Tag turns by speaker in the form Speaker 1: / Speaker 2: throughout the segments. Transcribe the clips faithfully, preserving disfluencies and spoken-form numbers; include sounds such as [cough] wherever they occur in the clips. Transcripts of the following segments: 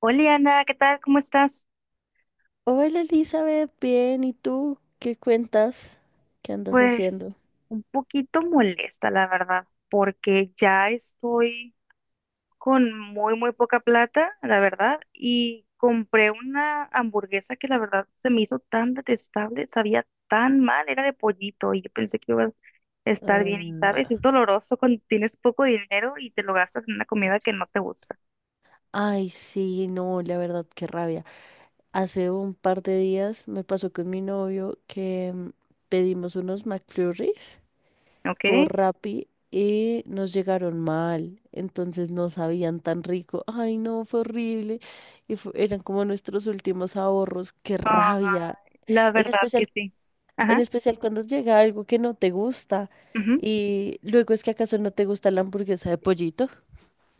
Speaker 1: Hola Ana, ¿qué tal? ¿Cómo estás?
Speaker 2: Hola Elizabeth, bien, ¿y tú? ¿Qué cuentas? ¿Qué andas
Speaker 1: Pues
Speaker 2: haciendo?
Speaker 1: un poquito molesta, la verdad, porque ya estoy con muy, muy poca plata, la verdad, y compré una hamburguesa que la verdad se me hizo tan detestable, sabía tan mal, era de pollito y yo pensé que iba a estar bien y sabes,
Speaker 2: Ah,
Speaker 1: es doloroso cuando tienes poco dinero y te lo gastas en una comida que no te gusta.
Speaker 2: ay, sí, no, la verdad, qué rabia. Hace un par de días me pasó con mi novio que mm, pedimos unos McFlurries
Speaker 1: ¿Ok?
Speaker 2: por Rappi y nos llegaron mal, entonces no sabían tan rico. Ay, no, fue horrible. Y fu- eran como nuestros últimos ahorros, qué
Speaker 1: Ah,
Speaker 2: rabia.
Speaker 1: la
Speaker 2: En
Speaker 1: verdad que
Speaker 2: especial
Speaker 1: sí.
Speaker 2: En
Speaker 1: Ajá,
Speaker 2: especial cuando llega algo que no te gusta
Speaker 1: ujú,
Speaker 2: y luego es que acaso no te gusta la hamburguesa de pollito,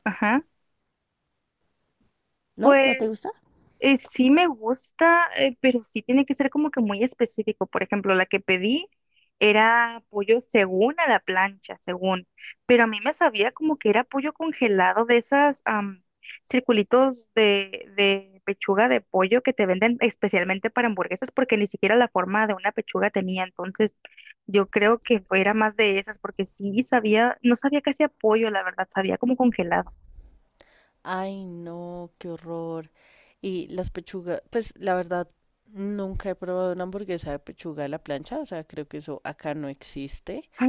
Speaker 1: ajá.
Speaker 2: ¿no? ¿No te
Speaker 1: Pues
Speaker 2: gusta?
Speaker 1: Eh, sí me gusta, eh, pero sí tiene que ser como que muy específico. Por ejemplo, la que pedí era pollo según a la plancha, según, pero a mí me sabía como que era pollo congelado de esas am, circulitos de, de pechuga de pollo que te venden especialmente para hamburguesas porque ni siquiera la forma de una pechuga tenía. Entonces, yo creo que fue- era más de esas porque sí sabía, no sabía que hacía pollo, la verdad, sabía como congelado.
Speaker 2: Ay, no, qué horror. Y las pechugas, pues la verdad, nunca he probado una hamburguesa de pechuga a la plancha, o sea, creo que eso acá no existe,
Speaker 1: Ah,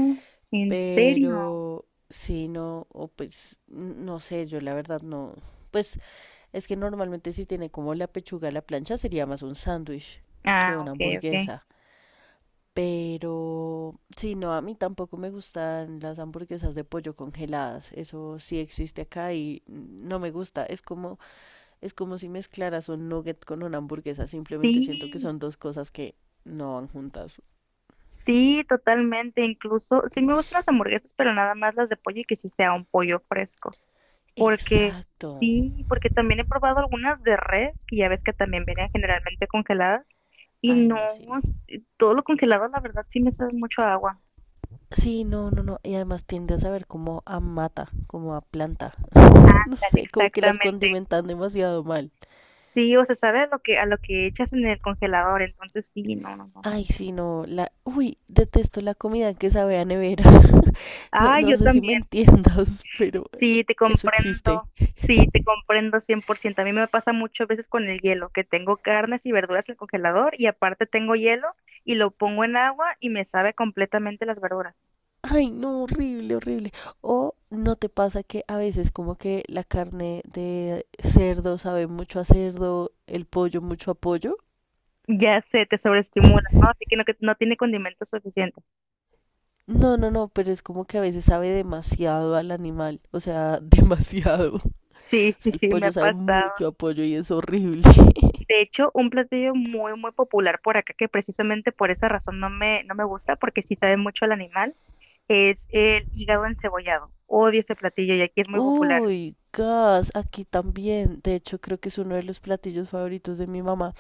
Speaker 1: ¿en serio?
Speaker 2: pero si no, o pues, n- no sé, yo la verdad no, pues es que normalmente si tiene como la pechuga a la plancha sería más un sándwich que
Speaker 1: Ah,
Speaker 2: una
Speaker 1: ok, ok.
Speaker 2: hamburguesa. Pero sí, no, a mí tampoco me gustan las hamburguesas de pollo congeladas. Eso sí existe acá y no me gusta. Es como, es como si mezclaras un nugget con una hamburguesa. Simplemente siento que
Speaker 1: Sí,
Speaker 2: son dos cosas que no van juntas.
Speaker 1: sí, totalmente. Incluso, sí me gustan las hamburguesas, pero nada más las de pollo y que sí sea un pollo fresco. Porque
Speaker 2: Exacto.
Speaker 1: sí, porque también he probado algunas de res, que ya ves que también vienen generalmente congeladas. Y
Speaker 2: Ay,
Speaker 1: no,
Speaker 2: no, sí, no.
Speaker 1: s- todo lo congelado, la verdad, sí me sabe mucho a agua.
Speaker 2: Sí, no, no, no. Y además tiende a saber como a mata, como a planta. [laughs] No
Speaker 1: Ándale,
Speaker 2: sé, como que las
Speaker 1: exactamente.
Speaker 2: condimentan demasiado mal.
Speaker 1: Sí, o se sabe a lo que, a lo que echas en el congelador, entonces sí, no, no, no.
Speaker 2: Ay, sí, no, la, uy, detesto la comida que sabe a nevera. [laughs] No,
Speaker 1: Ah,
Speaker 2: no
Speaker 1: yo
Speaker 2: sé si me
Speaker 1: también.
Speaker 2: entiendas, [laughs] pero
Speaker 1: Sí, te
Speaker 2: eso existe.
Speaker 1: comprendo. Sí, te
Speaker 2: [laughs]
Speaker 1: comprendo cien por ciento. A mí me pasa muchas veces con el hielo, que tengo carnes y verduras en el congelador y aparte tengo hielo y lo pongo en agua y me sabe completamente las verduras.
Speaker 2: Ay, no, horrible, horrible. O no te pasa que a veces como que la carne de cerdo sabe mucho a cerdo, el pollo mucho a pollo.
Speaker 1: Ya sé, te sobreestimula, ¿no? Así que no, que no tiene condimento suficiente.
Speaker 2: No, no, no, pero es como que a veces sabe demasiado al animal, o sea, [laughs] demasiado. O
Speaker 1: Sí, sí,
Speaker 2: sea, el
Speaker 1: sí, me ha
Speaker 2: pollo sabe
Speaker 1: pasado.
Speaker 2: mucho a pollo y es horrible. [laughs]
Speaker 1: De hecho, un platillo muy, muy popular por acá, que precisamente por esa razón no me, no me gusta, porque sí sabe mucho al animal, es el hígado encebollado. Odio ese platillo y aquí es muy popular.
Speaker 2: Uy, gas, aquí también. De hecho, creo que es uno de los platillos favoritos de mi mamá,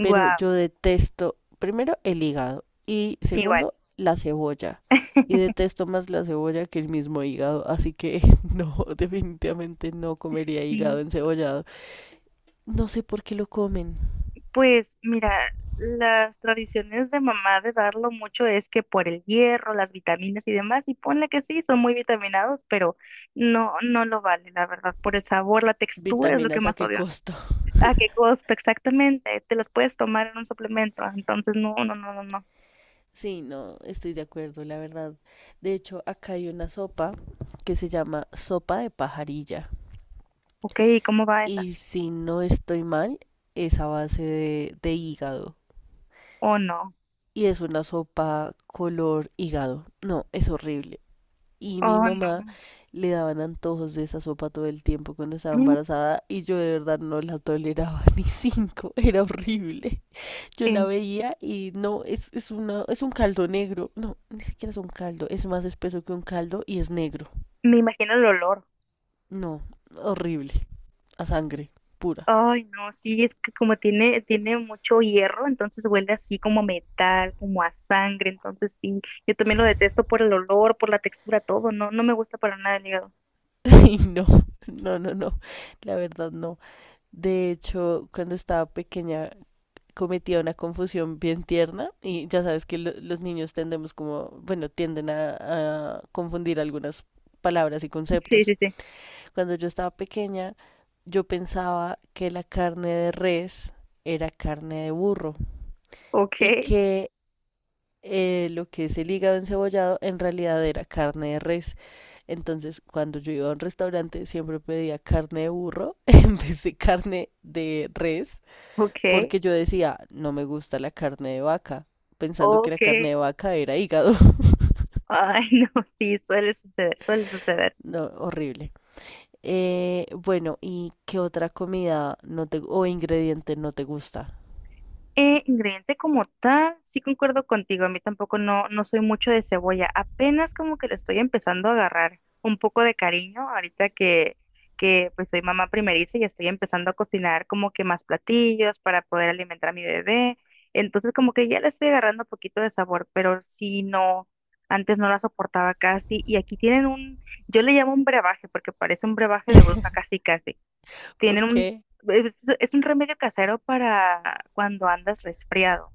Speaker 2: pero yo detesto, primero, el hígado y
Speaker 1: Igual.
Speaker 2: segundo, la cebolla. Y detesto más la cebolla que el mismo hígado, así que [laughs] no, definitivamente no comería hígado
Speaker 1: Sí,
Speaker 2: encebollado. No sé por qué lo comen.
Speaker 1: pues mira, las tradiciones de mamá de darlo mucho es que por el hierro, las vitaminas y demás, y ponle que sí, son muy vitaminados, pero no, no lo vale, la verdad, por el sabor, la textura es lo que
Speaker 2: Vitaminas a
Speaker 1: más
Speaker 2: qué
Speaker 1: odio.
Speaker 2: costo. [laughs]
Speaker 1: ¿A qué costo exactamente? Te los puedes tomar en un suplemento, entonces no, no, no, no, no.
Speaker 2: Sí, no, estoy de acuerdo, la verdad. De hecho, acá hay una sopa que se llama sopa de pajarilla.
Speaker 1: Ok, ¿y cómo va esa?
Speaker 2: Y si no estoy mal, es a base de, de hígado.
Speaker 1: Oh, no,
Speaker 2: Y es una sopa color hígado. No, es horrible. Y mi
Speaker 1: oh,
Speaker 2: mamá
Speaker 1: no.
Speaker 2: le daban antojos de esa sopa todo el tiempo cuando estaba
Speaker 1: Mm,
Speaker 2: embarazada y yo de verdad no la toleraba [laughs] ni cinco, era horrible. Yo la
Speaker 1: eh,
Speaker 2: veía y no, es, es, una, es un caldo negro, no, ni siquiera es un caldo, es más espeso que un caldo y es negro.
Speaker 1: Me imagino el olor.
Speaker 2: No, horrible, a sangre pura.
Speaker 1: Ay, no, sí, es que como tiene, tiene mucho hierro, entonces huele así como metal, como a sangre, entonces sí, yo también lo detesto por el olor, por la textura, todo, no, no me gusta para nada el hígado.
Speaker 2: [laughs] Y no, no, no, no, la verdad no. De hecho, cuando estaba pequeña cometía una confusión bien tierna y ya sabes que lo- los niños tendemos como, bueno, tienden a, a confundir algunas palabras y
Speaker 1: [laughs] Sí,
Speaker 2: conceptos.
Speaker 1: sí, sí.
Speaker 2: Cuando yo estaba pequeña, yo pensaba que la carne de res era carne de burro
Speaker 1: Ok,
Speaker 2: y que eh, lo que es el hígado encebollado en realidad era carne de res. Entonces, cuando yo iba a un restaurante, siempre pedía carne de burro [laughs] en vez de carne de res
Speaker 1: ok,
Speaker 2: porque yo decía, no me gusta la carne de vaca, pensando que la
Speaker 1: ok.
Speaker 2: carne de vaca era hígado. [laughs]
Speaker 1: Ay, [laughs] no, sí, suele suceder, suele suceder.
Speaker 2: No, horrible. Eh, bueno, ¿y qué otra comida no te, o ingrediente no te gusta?
Speaker 1: Eh, ingrediente como tal, sí concuerdo contigo, a mí tampoco no, no soy mucho de cebolla, apenas como que le estoy empezando a agarrar un poco de cariño ahorita que, que pues soy mamá primeriza y estoy empezando a cocinar como que más platillos para poder alimentar a mi bebé, entonces como que ya le estoy agarrando un poquito de sabor, pero sí no, antes no la soportaba casi y aquí tienen un, yo le llamo un brebaje porque parece un brebaje de bruja casi casi tienen
Speaker 2: ¿Por
Speaker 1: un,
Speaker 2: qué?
Speaker 1: es, es un remedio casero para cuando andas resfriado.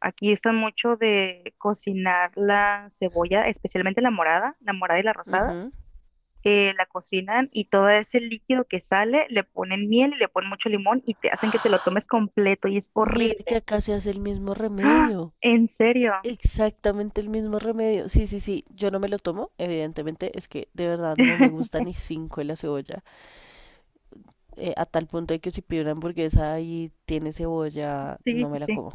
Speaker 1: Aquí usan mucho de cocinar la cebolla, especialmente la morada, la morada y la rosada.
Speaker 2: Ujú.
Speaker 1: Eh, la cocinan y todo ese líquido que sale le ponen miel y le ponen mucho limón y te hacen que te lo tomes completo y es
Speaker 2: Mira
Speaker 1: horrible.
Speaker 2: que acá se hace el mismo
Speaker 1: ¡Ah!
Speaker 2: remedio.
Speaker 1: ¿En
Speaker 2: e-
Speaker 1: serio?
Speaker 2: Exactamente el mismo remedio. Sí, sí, sí. Yo no me lo tomo, evidentemente. Es que de verdad no me gusta
Speaker 1: [laughs]
Speaker 2: ni cinco de la cebolla. Eh, a tal punto de que si pido una hamburguesa y tiene cebolla,
Speaker 1: Sí,
Speaker 2: no
Speaker 1: sí,
Speaker 2: me la
Speaker 1: sí.
Speaker 2: como.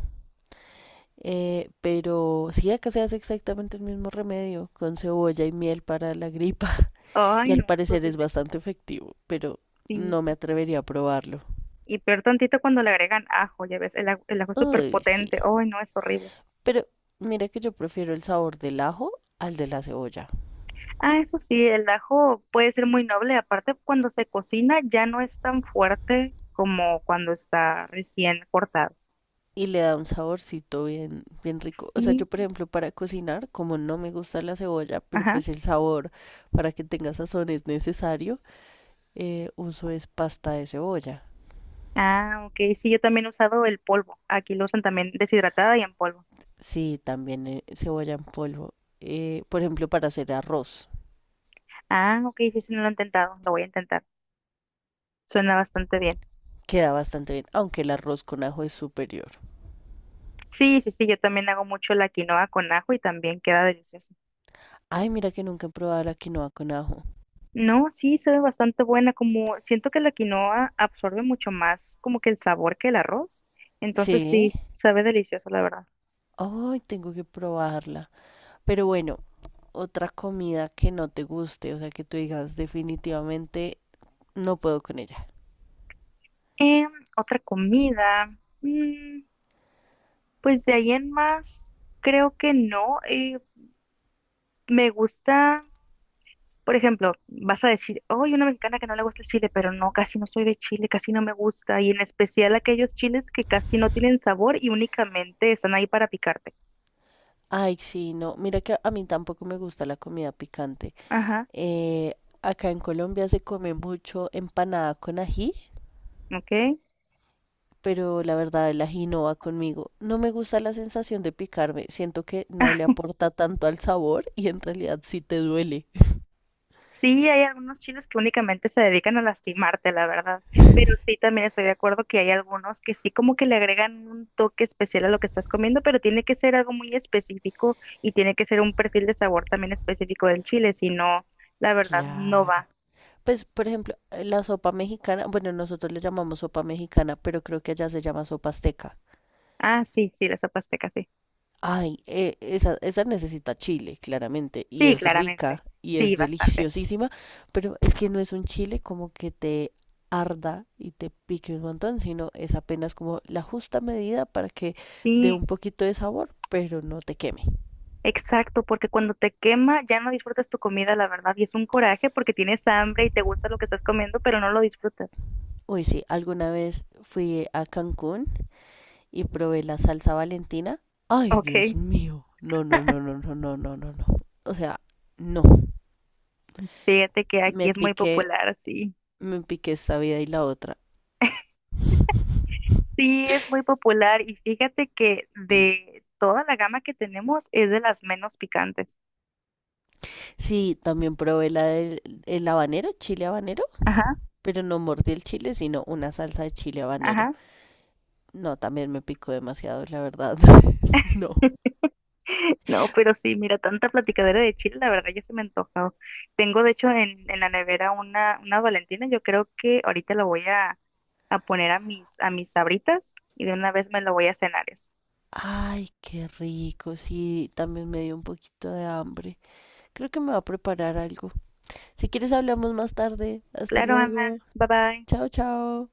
Speaker 2: Eh, pero sí, acá se hace exactamente el mismo remedio con cebolla y miel para la gripa [laughs] y
Speaker 1: Ay,
Speaker 2: al
Speaker 1: no, es
Speaker 2: parecer es
Speaker 1: horrible.
Speaker 2: bastante efectivo, pero
Speaker 1: Sí.
Speaker 2: no me atrevería a probarlo.
Speaker 1: Y peor tantito cuando le agregan ajo, ya ves, el ajo, el ajo es súper
Speaker 2: Uy, sí.
Speaker 1: potente. Ay, no, es horrible.
Speaker 2: Pero mira que yo prefiero el sabor del ajo al de la cebolla
Speaker 1: Ah, eso sí, el ajo puede ser muy noble. Aparte, cuando se cocina ya no es tan fuerte como cuando está recién cortado.
Speaker 2: y le da un saborcito bien, bien rico. O sea, yo
Speaker 1: Sí,
Speaker 2: por ejemplo para cocinar, como no me gusta la cebolla, pero
Speaker 1: ajá.
Speaker 2: pues el sabor para que tenga sazón es necesario, eh, uso es pasta de cebolla.
Speaker 1: Ah, ok. Sí, yo también he usado el polvo. Aquí lo usan también deshidratada y en polvo.
Speaker 2: Sí, también eh, cebolla en polvo. Eh, por ejemplo, para hacer arroz,
Speaker 1: Ah, ok. Sí, sí, no lo he intentado. Lo voy a intentar. Suena bastante bien.
Speaker 2: queda bastante bien, aunque el arroz con ajo es superior.
Speaker 1: Sí, sí, sí. Yo también hago mucho la quinoa con ajo y también queda delicioso.
Speaker 2: Ay, mira que nunca he probado la quinoa con ajo.
Speaker 1: No, sí, sabe bastante buena, como siento que la quinoa absorbe mucho más como que el sabor que el arroz, entonces
Speaker 2: Sí,
Speaker 1: sí, sabe delicioso, la verdad.
Speaker 2: ay, tengo que probarla. Pero bueno, otra comida que no te guste, o sea, que tú digas definitivamente no puedo con ella.
Speaker 1: Em, otra comida, mm, pues de ahí en más, creo que no, eh, me gusta, por ejemplo, vas a decir, oh, hay una mexicana que no le gusta el chile, pero no, casi no soy de chile, casi no me gusta, y en especial aquellos chiles que casi no tienen sabor y únicamente están ahí para picarte.
Speaker 2: Ay, sí, no, mira que a mí tampoco me gusta la comida picante.
Speaker 1: Ajá,
Speaker 2: Eh, Acá en Colombia se come mucho empanada con ají.
Speaker 1: ok.
Speaker 2: Pero la verdad el ají no va conmigo. No me gusta la sensación de picarme, siento que no le
Speaker 1: [laughs]
Speaker 2: aporta tanto al sabor y en realidad sí te duele.
Speaker 1: Sí, hay algunos chiles que únicamente se dedican a lastimarte, la verdad, pero sí también estoy de acuerdo que hay algunos que sí como que le agregan un toque especial a lo que estás comiendo, pero tiene que ser algo muy específico y tiene que ser un perfil de sabor también específico del chile, si no, la verdad, no
Speaker 2: Claro.
Speaker 1: va.
Speaker 2: Pues, por ejemplo, eh, la sopa mexicana, bueno, nosotros le llamamos sopa mexicana, pero creo que allá se llama sopa azteca.
Speaker 1: Ah, sí, sí, la sopa azteca, sí.
Speaker 2: Ay, eh, esa, esa necesita chile, claramente, y
Speaker 1: Sí,
Speaker 2: es
Speaker 1: claramente.
Speaker 2: rica y es
Speaker 1: Sí, bastante.
Speaker 2: deliciosísima, pero es que no es un chile como que te arda y te pique un montón, sino es apenas como la justa medida para que dé
Speaker 1: Sí,
Speaker 2: un poquito de sabor, pero no te queme.
Speaker 1: exacto, porque cuando te quema ya no disfrutas tu comida, la verdad, y es un coraje porque tienes hambre y te gusta lo que estás comiendo, pero no lo disfrutas.
Speaker 2: Uy, sí, alguna vez fui a Cancún y probé la salsa Valentina. Ay, Dios
Speaker 1: Ok.
Speaker 2: mío, no, no, no, no, no, no, no, no, no. O sea, no,
Speaker 1: Fíjate que aquí
Speaker 2: me
Speaker 1: es muy
Speaker 2: piqué,
Speaker 1: popular, sí.
Speaker 2: me piqué esta vida y la otra.
Speaker 1: Sí, es muy popular y fíjate que de toda la gama que tenemos es de las menos picantes.
Speaker 2: Sí, también probé la del el habanero, chile habanero,
Speaker 1: Ajá,
Speaker 2: pero no mordí el chile, sino una salsa de chile habanero.
Speaker 1: ajá.
Speaker 2: No, también me picó demasiado, la verdad. [laughs] No.
Speaker 1: [laughs] No, pero sí, mira, tanta platicadera de chile, la verdad ya se me ha antojado. Tengo de hecho en, en la nevera una, una Valentina, yo creo que ahorita la voy a, a poner a mis, a mis sabritas y de una vez me la voy a cenar eso.
Speaker 2: Ay, qué rico. Sí, también me dio un poquito de hambre. Creo que me va a preparar algo. Si quieres, hablamos más tarde. Hasta
Speaker 1: Claro,
Speaker 2: luego.
Speaker 1: Ana, bye bye.
Speaker 2: Chao, chao.